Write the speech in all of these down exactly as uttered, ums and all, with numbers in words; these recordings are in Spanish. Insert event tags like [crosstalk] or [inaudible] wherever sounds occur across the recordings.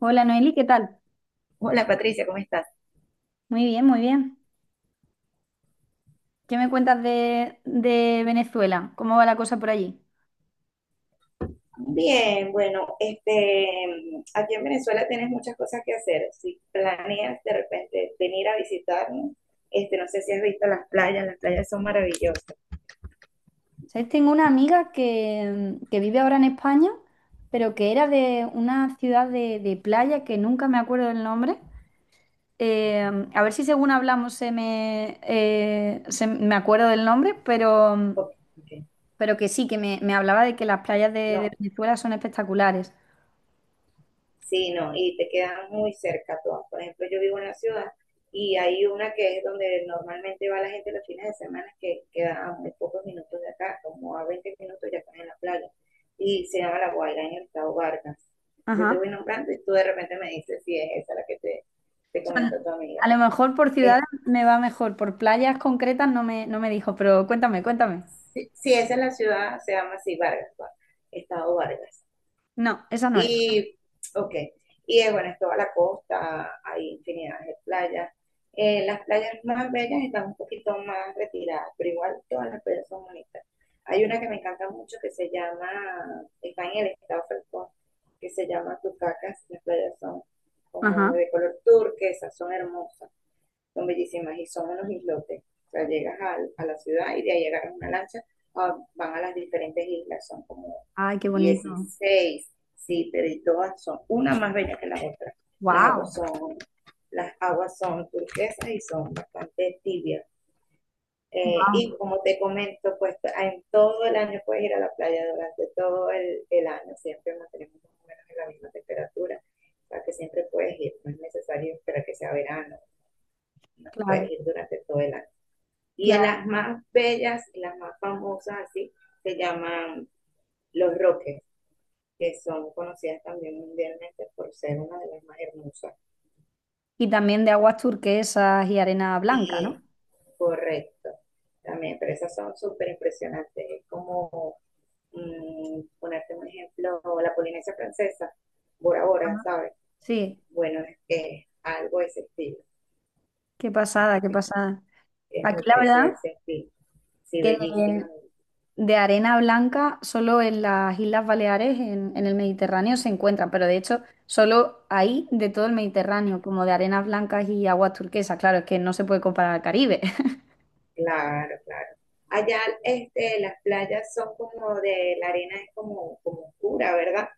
Hola Noeli, ¿qué tal? Hola Patricia, ¿cómo estás? Muy bien, muy bien. ¿Qué me cuentas de, de Venezuela? ¿Cómo va la cosa por allí? Bien, bueno, este, aquí en Venezuela tienes muchas cosas que hacer. Si planeas de repente venir a visitarnos, este, no sé si has visto las playas, las playas son maravillosas. ¿Sabes? Tengo una amiga que, mm, que vive ahora en España, pero que era de una ciudad de, de playa que nunca me acuerdo del nombre. Eh, a ver si según hablamos se me, eh, se me acuerdo del nombre, pero, Ok, ok. pero que sí, que me, me hablaba de que las playas de, de No, Venezuela son espectaculares. sí, no, y te quedan muy cerca todas. Por ejemplo, yo vivo en la ciudad y hay una que es donde normalmente va la gente los fines de semana, que queda a muy pocos minutos de acá, como a veinte minutos ya estás en la playa. Y se llama La Guaira en el estado Vargas. Yo te Ajá. voy nombrando y tú de repente me dices si es esa la que te, te comentó sea, tu amiga. a lo mejor por Es, ciudades me va mejor, por playas concretas no me, no me dijo, pero cuéntame, cuéntame. sí, sí, esa es la ciudad, se llama así, Vargas, Va- estado Vargas. No, esa no es. Y, ok. Y eh, bueno, es toda la costa, hay infinidad de playas. Eh, las playas más bellas están un poquito más retiradas, pero igual todas las playas son bonitas. Hay una que me encanta mucho que se llama, está en el estado Falcón, que se llama Tucacas. Las playas son como Ajá. de color turquesa, son hermosas, son bellísimas y son unos islotes. O sea, llegas a a, la ciudad y de ahí agarras una lancha, ah, van a las diferentes islas, son como Ay, qué bonito. dieciséis, sí, pero y todas son una más bella que la otra. Las aguas Wow. son, las aguas son turquesas y son bastante tibias. Eh, Wow. y como te comento, pues en todo el año puedes ir a la playa durante todo el, el año, siempre mantenemos más o menos en la misma temperatura, o sea que siempre puedes ir, no es necesario esperar que sea verano, Claro, puedes ir durante todo el año. Y en claro. las más bellas y las más famosas, así, se llaman Los Roques, que son conocidas también mundialmente por ser una de las más hermosas. Y también de aguas turquesas y arena blanca, Sí, ¿no? correcto, también, pero esas son súper impresionantes. Es como mmm, ponerte un ejemplo, la Polinesia Francesa, Bora Bora, Ajá. ¿sabes? Sí, Bueno, es que algo de ese estilo, qué es, pasada, qué es pasada. es Aquí muy la parecido a verdad ese estilo. Sí, que bellísima. de arena blanca, solo en las Islas Baleares, en, en el Mediterráneo, se encuentran, pero de hecho, solo ahí de todo el Mediterráneo, como de arenas blancas y aguas turquesas. Claro, es que no se puede comparar al Caribe. Claro, claro. Allá, este, las playas son como de, la arena es como, como oscura, ¿verdad?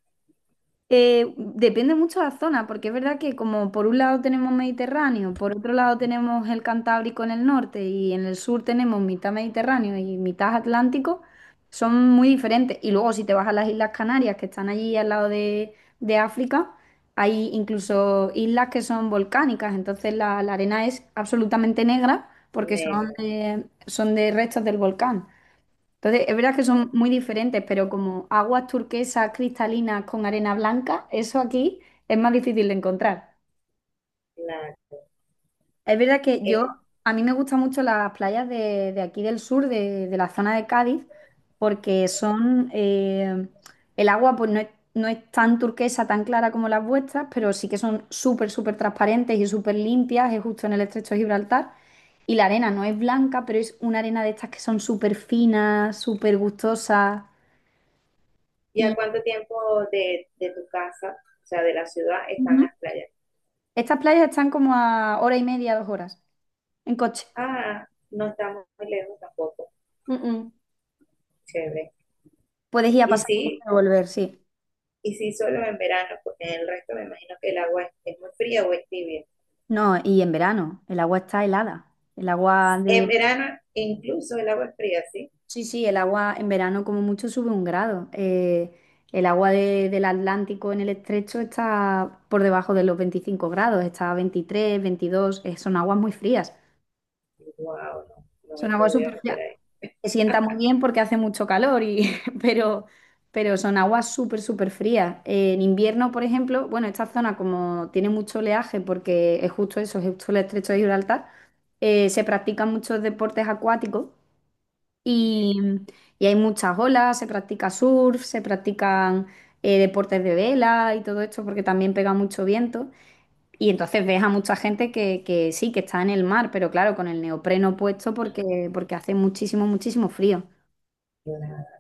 Eh, depende mucho de la zona, porque es verdad que como por un lado tenemos Mediterráneo, por otro lado tenemos el Cantábrico en el norte y en el sur tenemos mitad Mediterráneo y mitad Atlántico, son muy diferentes. Y luego si te vas a las Islas Canarias, que están allí al lado de, de África, hay incluso islas que son volcánicas, entonces la, la arena es absolutamente negra porque son Negra. de- son de restos del volcán. Entonces, es verdad que son muy diferentes, pero como aguas turquesas cristalinas con arena blanca, eso aquí es más difícil de encontrar. Claro. Es verdad que yo, Es- a mí me gustan mucho las playas de, de aquí del sur, de, de la zona de Cádiz, porque son, eh, el agua pues no es, no es tan turquesa, tan clara como las vuestras, pero sí que son súper, súper transparentes y súper limpias, es justo en el estrecho de Gibraltar. Y la arena no es blanca, pero es una arena de estas que son súper finas, súper gustosas. ¿Y a cuánto tiempo de, de tu casa, o sea, de la ciudad, están Ujú. las playas? Estas playas están como a hora y media, dos horas, en coche. Ah, no estamos muy lejos tampoco. Mm, Chévere. Puedes ir a Y pasar y sí, a volver, sí. y sí solo en verano, porque en el resto me imagino que el agua es, es muy fría o es tibia. No, y en verano, el agua está helada. El agua En de... verano incluso el agua es fría, ¿sí? Sí, sí, el agua en verano como mucho sube un grado. Eh, el agua de- del Atlántico en el estrecho está por debajo de los veinticinco grados, está a veintitrés, veintidós, eh, son aguas muy frías. Wow, no, no me Son aguas podría súper meter frías. Se sienta muy bien porque hace mucho calor, y, [laughs] pero, pero, son aguas súper, súper frías. Eh, en invierno, por ejemplo, bueno, esta zona como tiene mucho oleaje porque es justo eso, es justo el estrecho de Gibraltar, eh, se practican muchos deportes acuáticos y, y, hay muchas olas, se practica surf, se practican eh, deportes de vela y todo esto porque también pega mucho viento. Y entonces ves a mucha gente que, que, sí, que está en el mar, pero claro, con el neopreno puesto porque, porque hace muchísimo, muchísimo frío. ahí.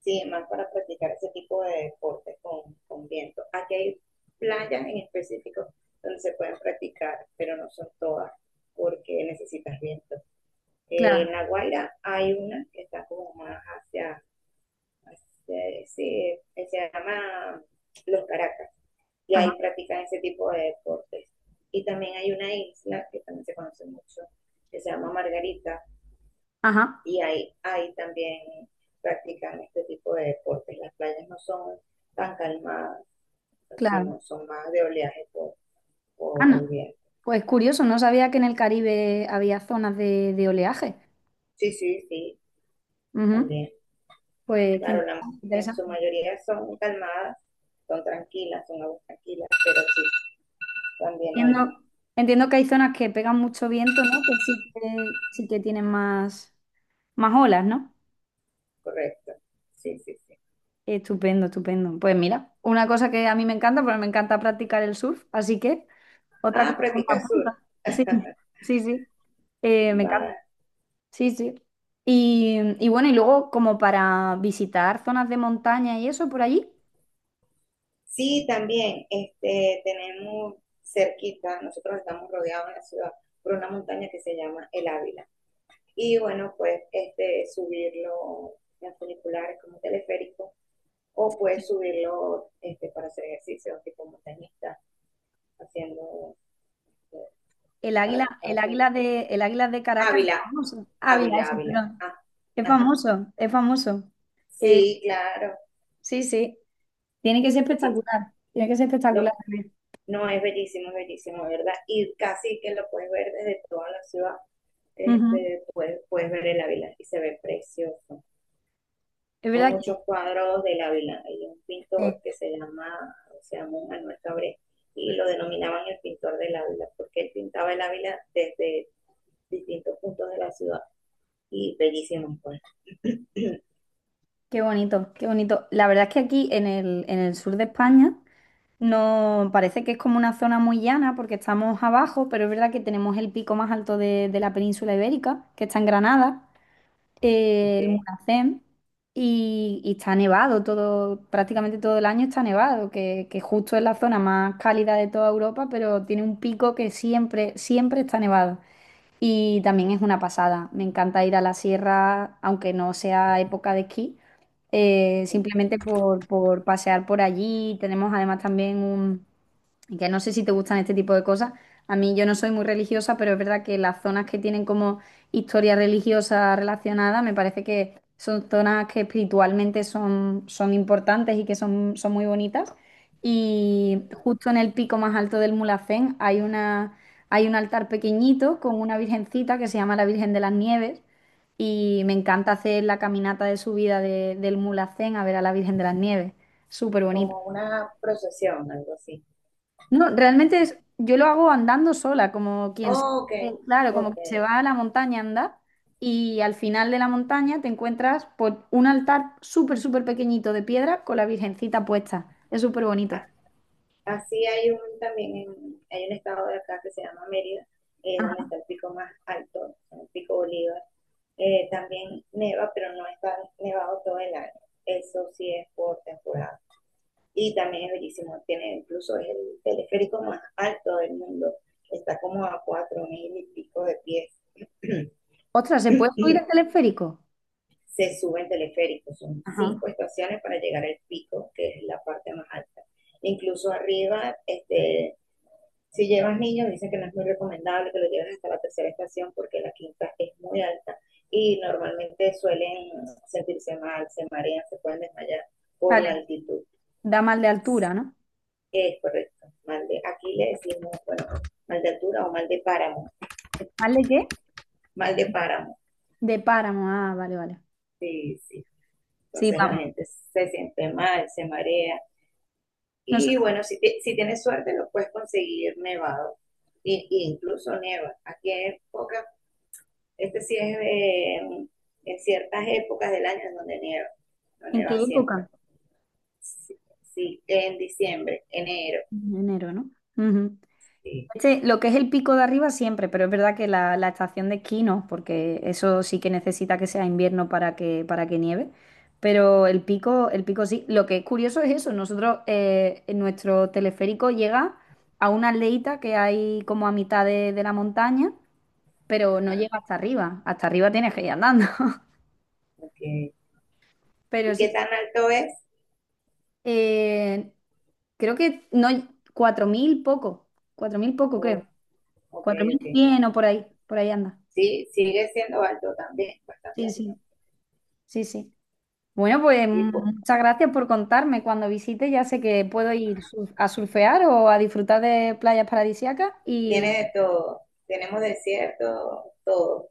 Sí, más para practicar ese tipo de deportes con, con viento. Aquí hay playas en específico donde se pueden practicar, pero no son todas porque necesitas viento. Eh, Claro, en La Guaira hay una que está como más hacia, hacia- sí, que se llama Los Caracas, y ahí ajá, practican ese tipo de deportes. Y también hay una isla que también se conoce mucho, que se llama Margarita, ajá, y ahí, ahí también practican este tipo de deportes. Las playas no son tan calmadas, sino claro. son más de oleaje por, por el Ana, viento. pues curioso, no sabía que en el Caribe había zonas de, de oleaje. Sí, sí, sí, Ujú. también. Pues qué Claro, la, en su interesante. mayoría son calmadas, son tranquilas, son aguas tranquilas, pero sí, también hay, Entiendo, entiendo que hay zonas que pegan mucho viento, ¿no? Que sí que, sí que tienen más, más olas, ¿no? correcto. Sí, sí, sí. Estupendo, estupendo. Pues mira, una cosa que a mí me encanta, porque me encanta practicar el surf, así que otra Ah, cosa que me practica sur. apunta. Sí, sí, sí. Eh, me Va. encanta. Sí, sí. Y, y, bueno, y luego como para visitar zonas de montaña y eso por allí, Sí, también, este, tenemos cerquita, nosotros estamos rodeados en la ciudad por una montaña que se llama El Ávila. Y bueno, pues este, subirlo en funiculares como teleférico o pues subirlo este, para hacer ejercicio tipo montañista, haciendo eh, el águila, para, para el subir. águila de, el águila de Caracas es Ávila, famoso. Ávila, Ávila, ese, Ávila. perdón. Ah, Es ajá. famoso, es famoso. Eh, Sí, claro. sí, sí. Tiene que ser Sí. espectacular. Tiene que ser Lo, espectacular también. no, es bellísimo, es bellísimo, ¿verdad? Y casi que lo puedes ver desde toda la ciudad. Ujú. Este, puedes, puedes ver el Ávila y se ve precioso. Es Hay verdad que muchos cuadros de Ávila. Hay un sí. pintor que se llama, se llama Manuel Cabré y lo denominaban el pintor del Ávila porque él pintaba el Ávila desde distintos puntos de la ciudad y bellísimo, pues. [clears throat] [coughs] Qué bonito, qué bonito. La verdad es que aquí en el, en el, sur de España. No, parece que es como una zona muy llana porque estamos abajo, pero es verdad que tenemos el pico más alto de, de la península ibérica, que está en Granada, eh, el Okay. Mulhacén, y, y, está nevado todo, prácticamente todo el año está nevado, que, que justo es la zona más cálida de toda Europa, pero tiene un pico que siempre, siempre está nevado. Y también es una pasada. Me encanta ir a la sierra, aunque no sea época de esquí, eh, simplemente por, por pasear por allí. Tenemos además también un, y que no sé si te gustan este tipo de cosas. A mí yo no soy muy religiosa, pero es verdad que las zonas que tienen como historia religiosa relacionada, me parece que son zonas que espiritualmente son, son importantes y que son, son muy bonitas. Y Ok. justo en el pico más alto del Mulhacén hay una, hay un altar pequeñito con una virgencita que se llama la Virgen de las Nieves. Y me encanta hacer la caminata de subida de- del Mulhacén a ver a la Virgen de las Nieves. Súper bonito. Como una procesión, algo así. No, realmente es, yo lo hago andando sola, como quien se, Oh, ok, eh, claro, como ok. que se va a la montaña a andar y al final de la montaña te encuentras por un altar súper, súper pequeñito de piedra con la Virgencita puesta. Es súper bonito. Así hay un también, en- hay un estado de acá que se llama Mérida, eh, donde Ajá. está el pico más alto, el pico Bolívar. Eh, también neva, pero no está nevado todo el año. Eso sí es por temporada. Y también es bellísimo, tiene incluso es el teleférico más alto del mundo. Está como a cuatro mil y pico de pies. Ostras, ¿se puede subir al [clears throat] teleférico? Se sube en teleférico, son Ajá. cinco estaciones para llegar al pico, que es la parte más alta. Incluso arriba, este, si llevas niños, dicen que no es muy recomendable que lo lleves hasta la tercera estación porque la quinta es muy alta y normalmente suelen sentirse mal, se marean, se pueden desmayar por Vale, la altitud. da mal de altura, ¿no? Es correcto, mal de, aquí le decimos, bueno, mal de altura o mal de páramo, ¿Mal de qué? mal de páramo, De páramo, ah, vale, vale. sí, sí. Sí, Entonces la vamos. gente se siente mal, se marea. No sé, Y bueno, si, te- si tienes suerte, lo puedes conseguir nevado. Y, y incluso nieva. Aquí hay pocas. Este sí es eh, en ciertas épocas del año en donde nieva, no ¿en qué nieva siempre. época? Sí, sí, en diciembre, enero. En enero, ¿no? Ujú. Sí, Este- lo que es el pico de arriba siempre, pero es verdad que la, la estación de esquí no, porque eso sí que necesita que sea invierno para que, para que, nieve. Pero el pico, el pico sí. Lo que es curioso es eso. Nosotros, eh, en nuestro teleférico llega a una aldeita que hay como a mitad de, de la montaña, pero no llega hasta arriba. Hasta arriba tienes que ir andando. [laughs] okay. Pero ¿Y sí, qué tan alto es? eh, creo que no, cuatro mil poco, cuatro mil poco creo. Oh, ok, ok. cuatro mil cien o por ahí, por ahí anda. Sí, sigue siendo alto también, bastante Sí, alto. sí. Sí, sí. Bueno, pues Y pues, muchas gracias por contarme. Cuando visite ya sé que puedo ir sur- a surfear o a disfrutar de playas paradisíacas tiene y, de todo. Tenemos desierto, todo.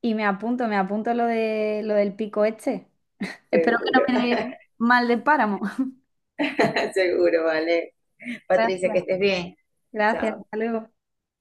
y me apunto, me apunto lo de lo del pico este. Espero Seguro, que no me dé mal de páramo. [laughs] [laughs] seguro, vale. Patricia, que Gracias, estés bien. gracias. Hasta Chao. luego.